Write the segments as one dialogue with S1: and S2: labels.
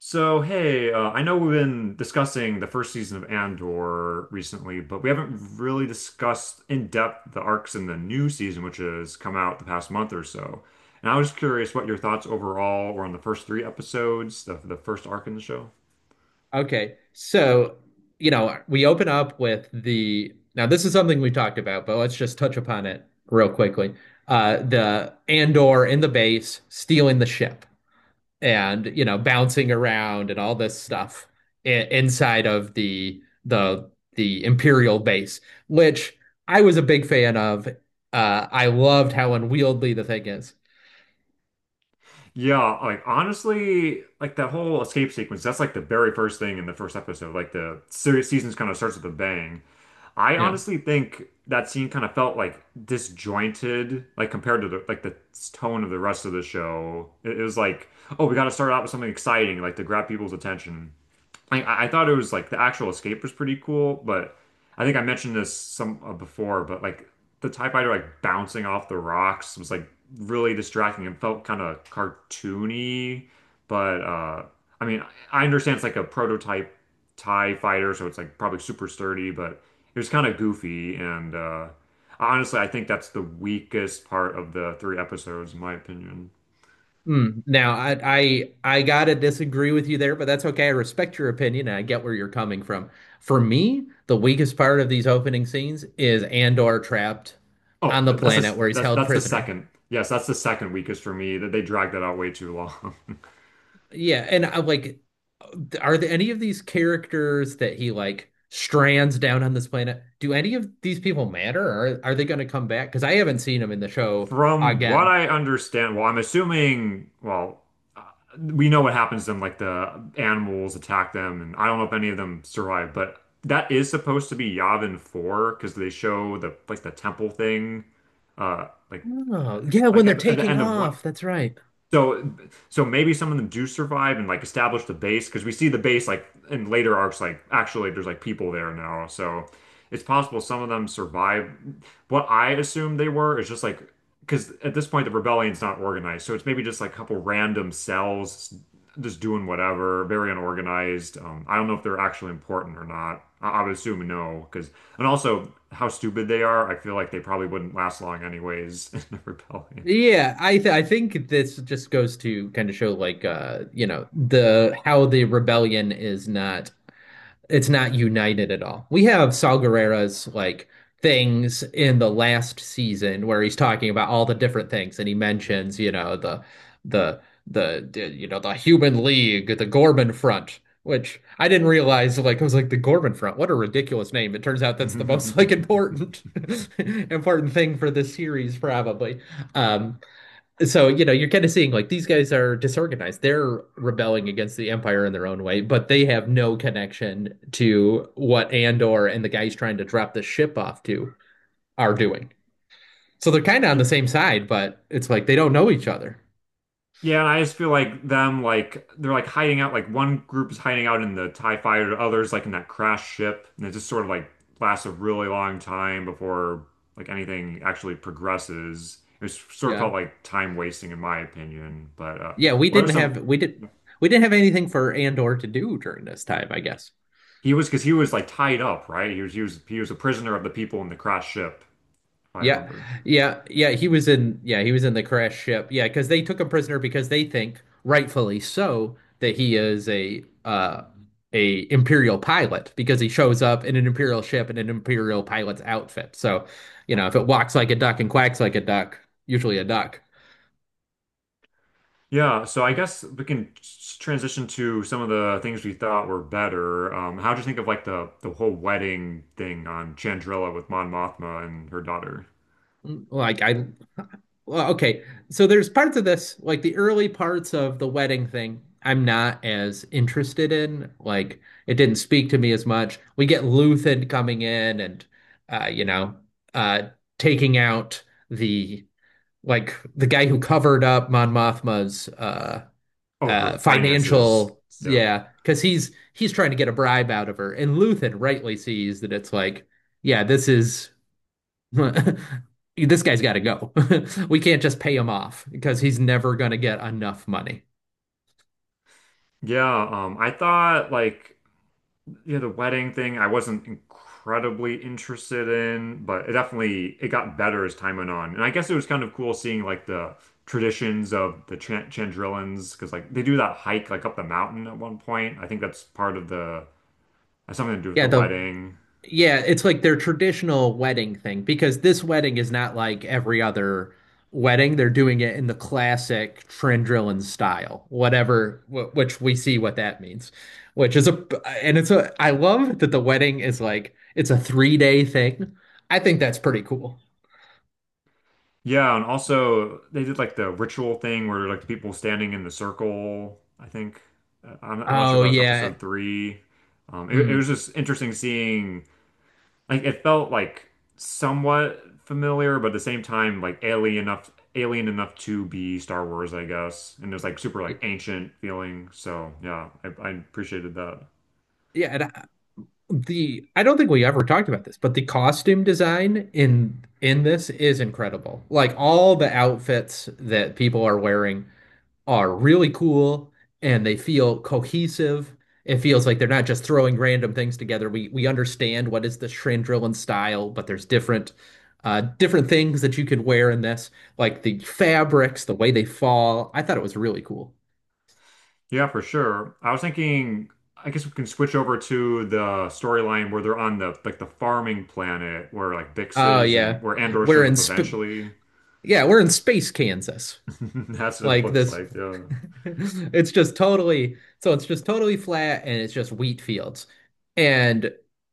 S1: I know we've been discussing the first season of Andor recently, but we haven't really discussed in depth the arcs in the new season, which has come out the past month or so. And I was curious what your thoughts overall were on the first three episodes, the first arc in the show.
S2: Okay. So we open up with the now this is something we talked about, but let's just touch upon it real quickly. The Andor in the base stealing the ship and, bouncing around and all this stuff inside of the Imperial base, which I was a big fan of. I loved how unwieldy the thing is.
S1: Yeah, like honestly, like that whole escape sequence, that's like the very first thing in the first episode. Like the series seasons kind of starts with a bang. I
S2: Yeah.
S1: honestly think that scene kind of felt like disjointed, like compared to the tone of the rest of the show. It was like, oh, we got to start out with something exciting, like to grab people's attention. Like I thought it was like the actual escape was pretty cool, but I think I mentioned this some before, but like the TIE fighter like bouncing off the rocks was like really distracting and felt kind of cartoony. But I mean, I understand it's like a prototype TIE fighter, so it's like probably super sturdy, but it was kind of goofy and honestly, I think that's the weakest part of the three episodes, in my opinion.
S2: Mm. Now, I gotta disagree with you there, but that's okay. I respect your opinion and I get where you're coming from. For me, the weakest part of these opening scenes is Andor trapped
S1: Oh,
S2: on the
S1: that's
S2: planet
S1: the
S2: where he's
S1: that's
S2: held
S1: that's the
S2: prisoner.
S1: second. Yes, that's the second weakest for me. That they dragged that out way too long.
S2: Yeah, and I'm like, are there any of these characters that he like strands down on this planet? Do any of these people matter, or are they gonna come back? Because I haven't seen them in the show
S1: From what
S2: again.
S1: I understand, well, I'm assuming, uh, we know what happens to them, like the animals attack them, and I don't know if any of them survive, but that is supposed to be Yavin 4 because they show the like the temple thing, uh, like
S2: Oh, yeah, when
S1: like
S2: they're
S1: at the
S2: taking
S1: end of one.
S2: off, that's right.
S1: So, so maybe some of them do survive and like establish the base because we see the base like in later arcs, like actually there's like people there now. So it's possible some of them survive. What I assume they were is just like because at this point the rebellion's not organized, so it's maybe just like a couple random cells just doing whatever, very unorganized. I don't know if they're actually important or not. I would assume no because and also how stupid they are. I feel like they probably wouldn't last long anyways in the rebellion.
S2: I think this just goes to kind of show like you know the how the rebellion is not, it's not united at all. We have Saw Gerrera's like things in the last season where he's talking about all the different things and he mentions you know the the you know the Human League, the Gorman Front, which I didn't realize. Like I was like the Gorman Front. What a ridiculous name. It turns out that's the most like important important thing for this series probably. Um, so, you know, you're kind of seeing like these guys are disorganized. They're rebelling against the Empire in their own way, but they have no connection to what Andor and the guys trying to drop the ship off to are doing. So they're kind of on the same side, but it's like they don't know each other.
S1: Yeah, and I just feel like them like they're like hiding out like one group is hiding out in the TIE fighter, others like in that crash ship, and it just sort of like lasts a really long time before like anything actually progresses. It was sort of
S2: Yeah.
S1: felt like time wasting in my opinion. But
S2: Yeah, we
S1: what are
S2: didn't
S1: some
S2: have we did we didn't have anything for Andor to do during this time, I guess.
S1: he was because he was like tied up, right? He was a prisoner of the people in the crash ship, if I
S2: Yeah,
S1: remember.
S2: yeah. Yeah, he was in the crash ship. Yeah, because they took him prisoner because they think, rightfully so, that he is a Imperial pilot because he shows up in an Imperial ship in an Imperial pilot's outfit. So, you know, if it walks like a duck and quacks like a duck, usually a duck.
S1: Yeah, so I guess we can transition to some of the things we thought were better. How'd you think of like the whole wedding thing on Chandrilla with Mon Mothma and her daughter?
S2: Like I, Well, okay. So there's parts of this, like the early parts of the wedding thing, I'm not as interested in. Like it didn't speak to me as much. We get Luthen coming in and you know, uh taking out the like the guy who covered up Mon Mothma's uh
S1: Oh, her
S2: uh
S1: finances.
S2: financial,
S1: Yeah.
S2: yeah, because he's trying to get a bribe out of her. And Luthen rightly sees that it's like, yeah, this is this guy's got to go. We can't just pay him off because he's never going to get enough money.
S1: Yeah, I thought like yeah, the wedding thing I wasn't incredibly interested in, but it definitely it got better as time went on. And I guess it was kind of cool seeing like the traditions of the Chan Chandrillans because like they do that hike like up the mountain at one point. I think that's part of the has something to do with
S2: Yeah,
S1: the
S2: the
S1: wedding.
S2: yeah, it's like their traditional wedding thing because this wedding is not like every other wedding. They're doing it in the classic Trendrillen style, whatever, wh which we see what that means, which is a and it's a, I love that the wedding is like it's a 3 day thing. I think that's pretty cool.
S1: Yeah, and also they did like the ritual thing where like the people standing in the circle. I think I'm not sure
S2: Oh
S1: if that was
S2: yeah,
S1: episode three. It was
S2: mm,
S1: just interesting seeing like it felt like somewhat familiar, but at the same time like alien enough to be Star Wars, I guess. And it was like super like ancient feeling. So yeah, I appreciated that.
S2: yeah. And the I don't think we ever talked about this, but the costume design in this is incredible. Like all the outfits that people are wearing are really cool and they feel cohesive. It feels like they're not just throwing random things together. We understand what is the Shandrillan style, but there's different different things that you could wear in this, like the fabrics, the way they fall. I thought it was really cool.
S1: Yeah, for sure. I was thinking, I guess we can switch over to the storyline where they're on the farming planet where like Bix
S2: Oh
S1: is and
S2: yeah.
S1: where Andor
S2: We're
S1: shows
S2: in
S1: up
S2: sp
S1: eventually.
S2: Yeah, we're in space Kansas.
S1: That's what it
S2: Like
S1: looks
S2: this,
S1: like. Yeah.
S2: it's just totally, so it's just totally flat and it's just wheat fields. And,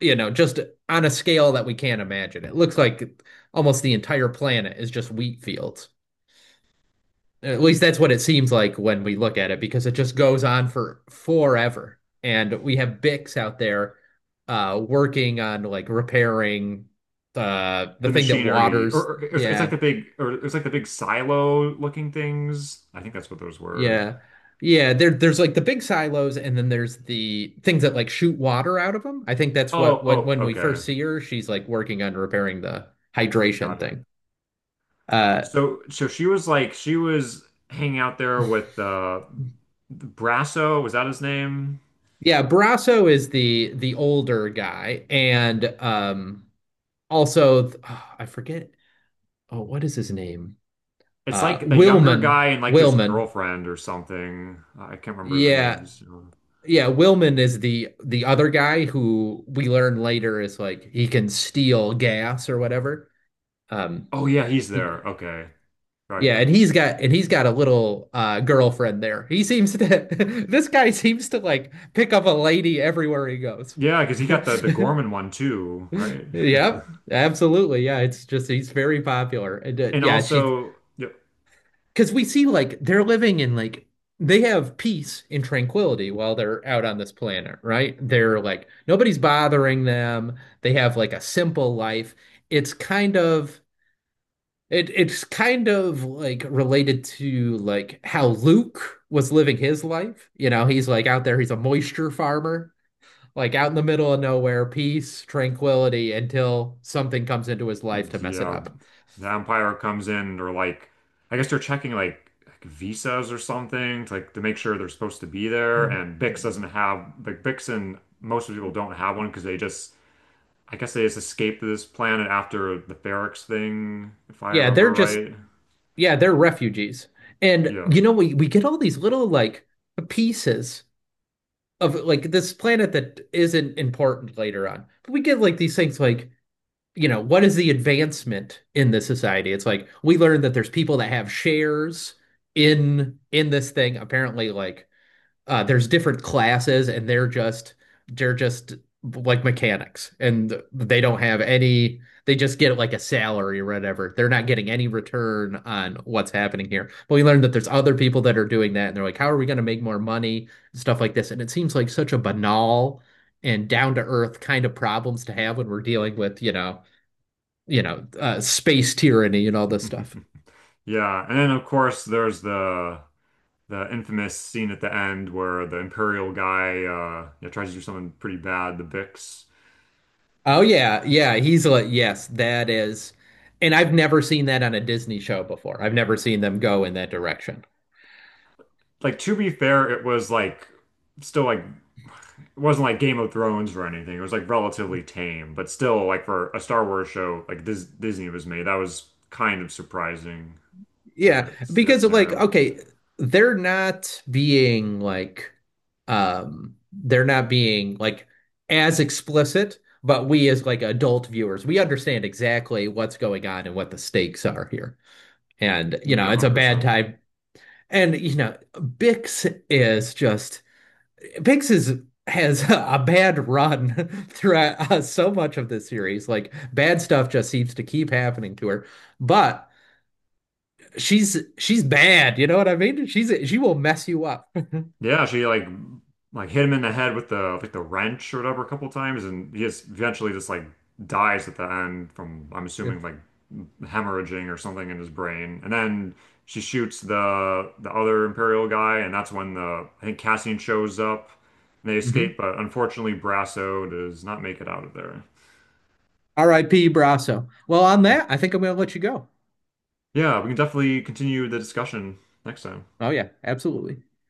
S2: you know, just on a scale that we can't imagine. It looks like almost the entire planet is just wheat fields. At least that's what it seems like when we look at it because it just goes on for forever. And we have Bix out there working on like repairing the
S1: The
S2: thing that
S1: machinery,
S2: waters.
S1: it's like
S2: Yeah.
S1: the big, or it's like the big silo looking things. I think that's what those were.
S2: Yeah. Yeah, there's like the big silos and then there's the things that like shoot water out of them. I think that's what when
S1: Oh,
S2: we
S1: okay,
S2: first see her, she's like working on repairing the hydration
S1: got it.
S2: thing. Uh
S1: So, so she was like, she was hanging out there with Brasso. Was that his name?
S2: yeah, Barrasso is the older guy. And also oh, I forget, oh what is his name?
S1: It's like the younger
S2: Willman.
S1: guy and like his
S2: Willman.
S1: girlfriend or something. I can't remember their
S2: Yeah.
S1: names.
S2: Yeah, Willman is the other guy who we learn later is like he can steal gas or whatever. Um
S1: Oh yeah, he's there. Okay. Right.
S2: Yeah, and he's got a little girlfriend there. He seems to this guy seems to like pick up a lady everywhere he goes.
S1: Yeah, because he got the Gorman one too, right?
S2: Yep, absolutely. Yeah, it's just he's very popular. And
S1: And
S2: yeah, she's
S1: also,
S2: because we see like they're living in like they have peace and tranquility while they're out on this planet, right? They're like nobody's bothering them. They have like a simple life. It's kind of It it's kind of like related to like how Luke was living his life. You know, he's like out there, he's a moisture farmer, like out in the middle of nowhere, peace, tranquility until something comes into his life to mess it
S1: yeah,
S2: up.
S1: the umpire comes in or like I guess they're checking like visas or something to like to make sure they're supposed to be there
S2: Mhm.
S1: and Bix doesn't have like Bix and most of the people don't have one because they just I guess they just escaped this planet after the Ferrix thing, if I
S2: Yeah, they're
S1: remember
S2: just
S1: right.
S2: yeah, they're refugees. And
S1: Yeah.
S2: you know, we get all these little like pieces of like this planet that isn't important later on. But we get like these things like you know, what is the advancement in this society? It's like we learned that there's people that have shares in this thing. Apparently, like there's different classes, and they're just like mechanics, and they don't have any. They just get like a salary or whatever. They're not getting any return on what's happening here. But we learned that there's other people that are doing that, and they're like, "How are we going to make more money?" Stuff like this, and it seems like such a banal and down to earth kind of problems to have when we're dealing with, you know, space tyranny and all this stuff.
S1: Yeah, and then of course there's the infamous scene at the end where the Imperial guy yeah, tries to do something pretty bad, the Vix.
S2: Oh yeah, yeah, he's like, yes, that is. And I've never seen that on a Disney show before. I've never seen them go in that direction.
S1: Like to be fair, it was like still like it wasn't like Game of Thrones or anything. It was like relatively tame, but still like for a Star Wars show like this Disney was made, that was kind of surprising
S2: Yeah,
S1: to see that
S2: because of like,
S1: scenario.
S2: okay, they're not being like, they're not being like as explicit, but we as like adult viewers, we understand exactly what's going on and what the stakes are here. And, you
S1: Yeah,
S2: know, it's a bad
S1: 100%.
S2: time. And, you know, Bix is, has a bad run throughout so much of this series. Like, bad stuff just seems to keep happening to her. But, she's bad. You know what I mean? She will mess you up. Yeah.
S1: Yeah, she like hit him in the head with the like the wrench or whatever a couple times, and he just eventually just like dies at the end from I'm assuming like hemorrhaging or something in his brain. And then she shoots the other Imperial guy, and that's when the I think Cassian shows up and they
S2: Mm-hmm.
S1: escape, but unfortunately Brasso does not make it out of there.
S2: R.I.P. Brasso. Well, on that, I think I'm gonna let you go.
S1: Yeah, we can definitely continue the discussion next time.
S2: Oh yeah, absolutely.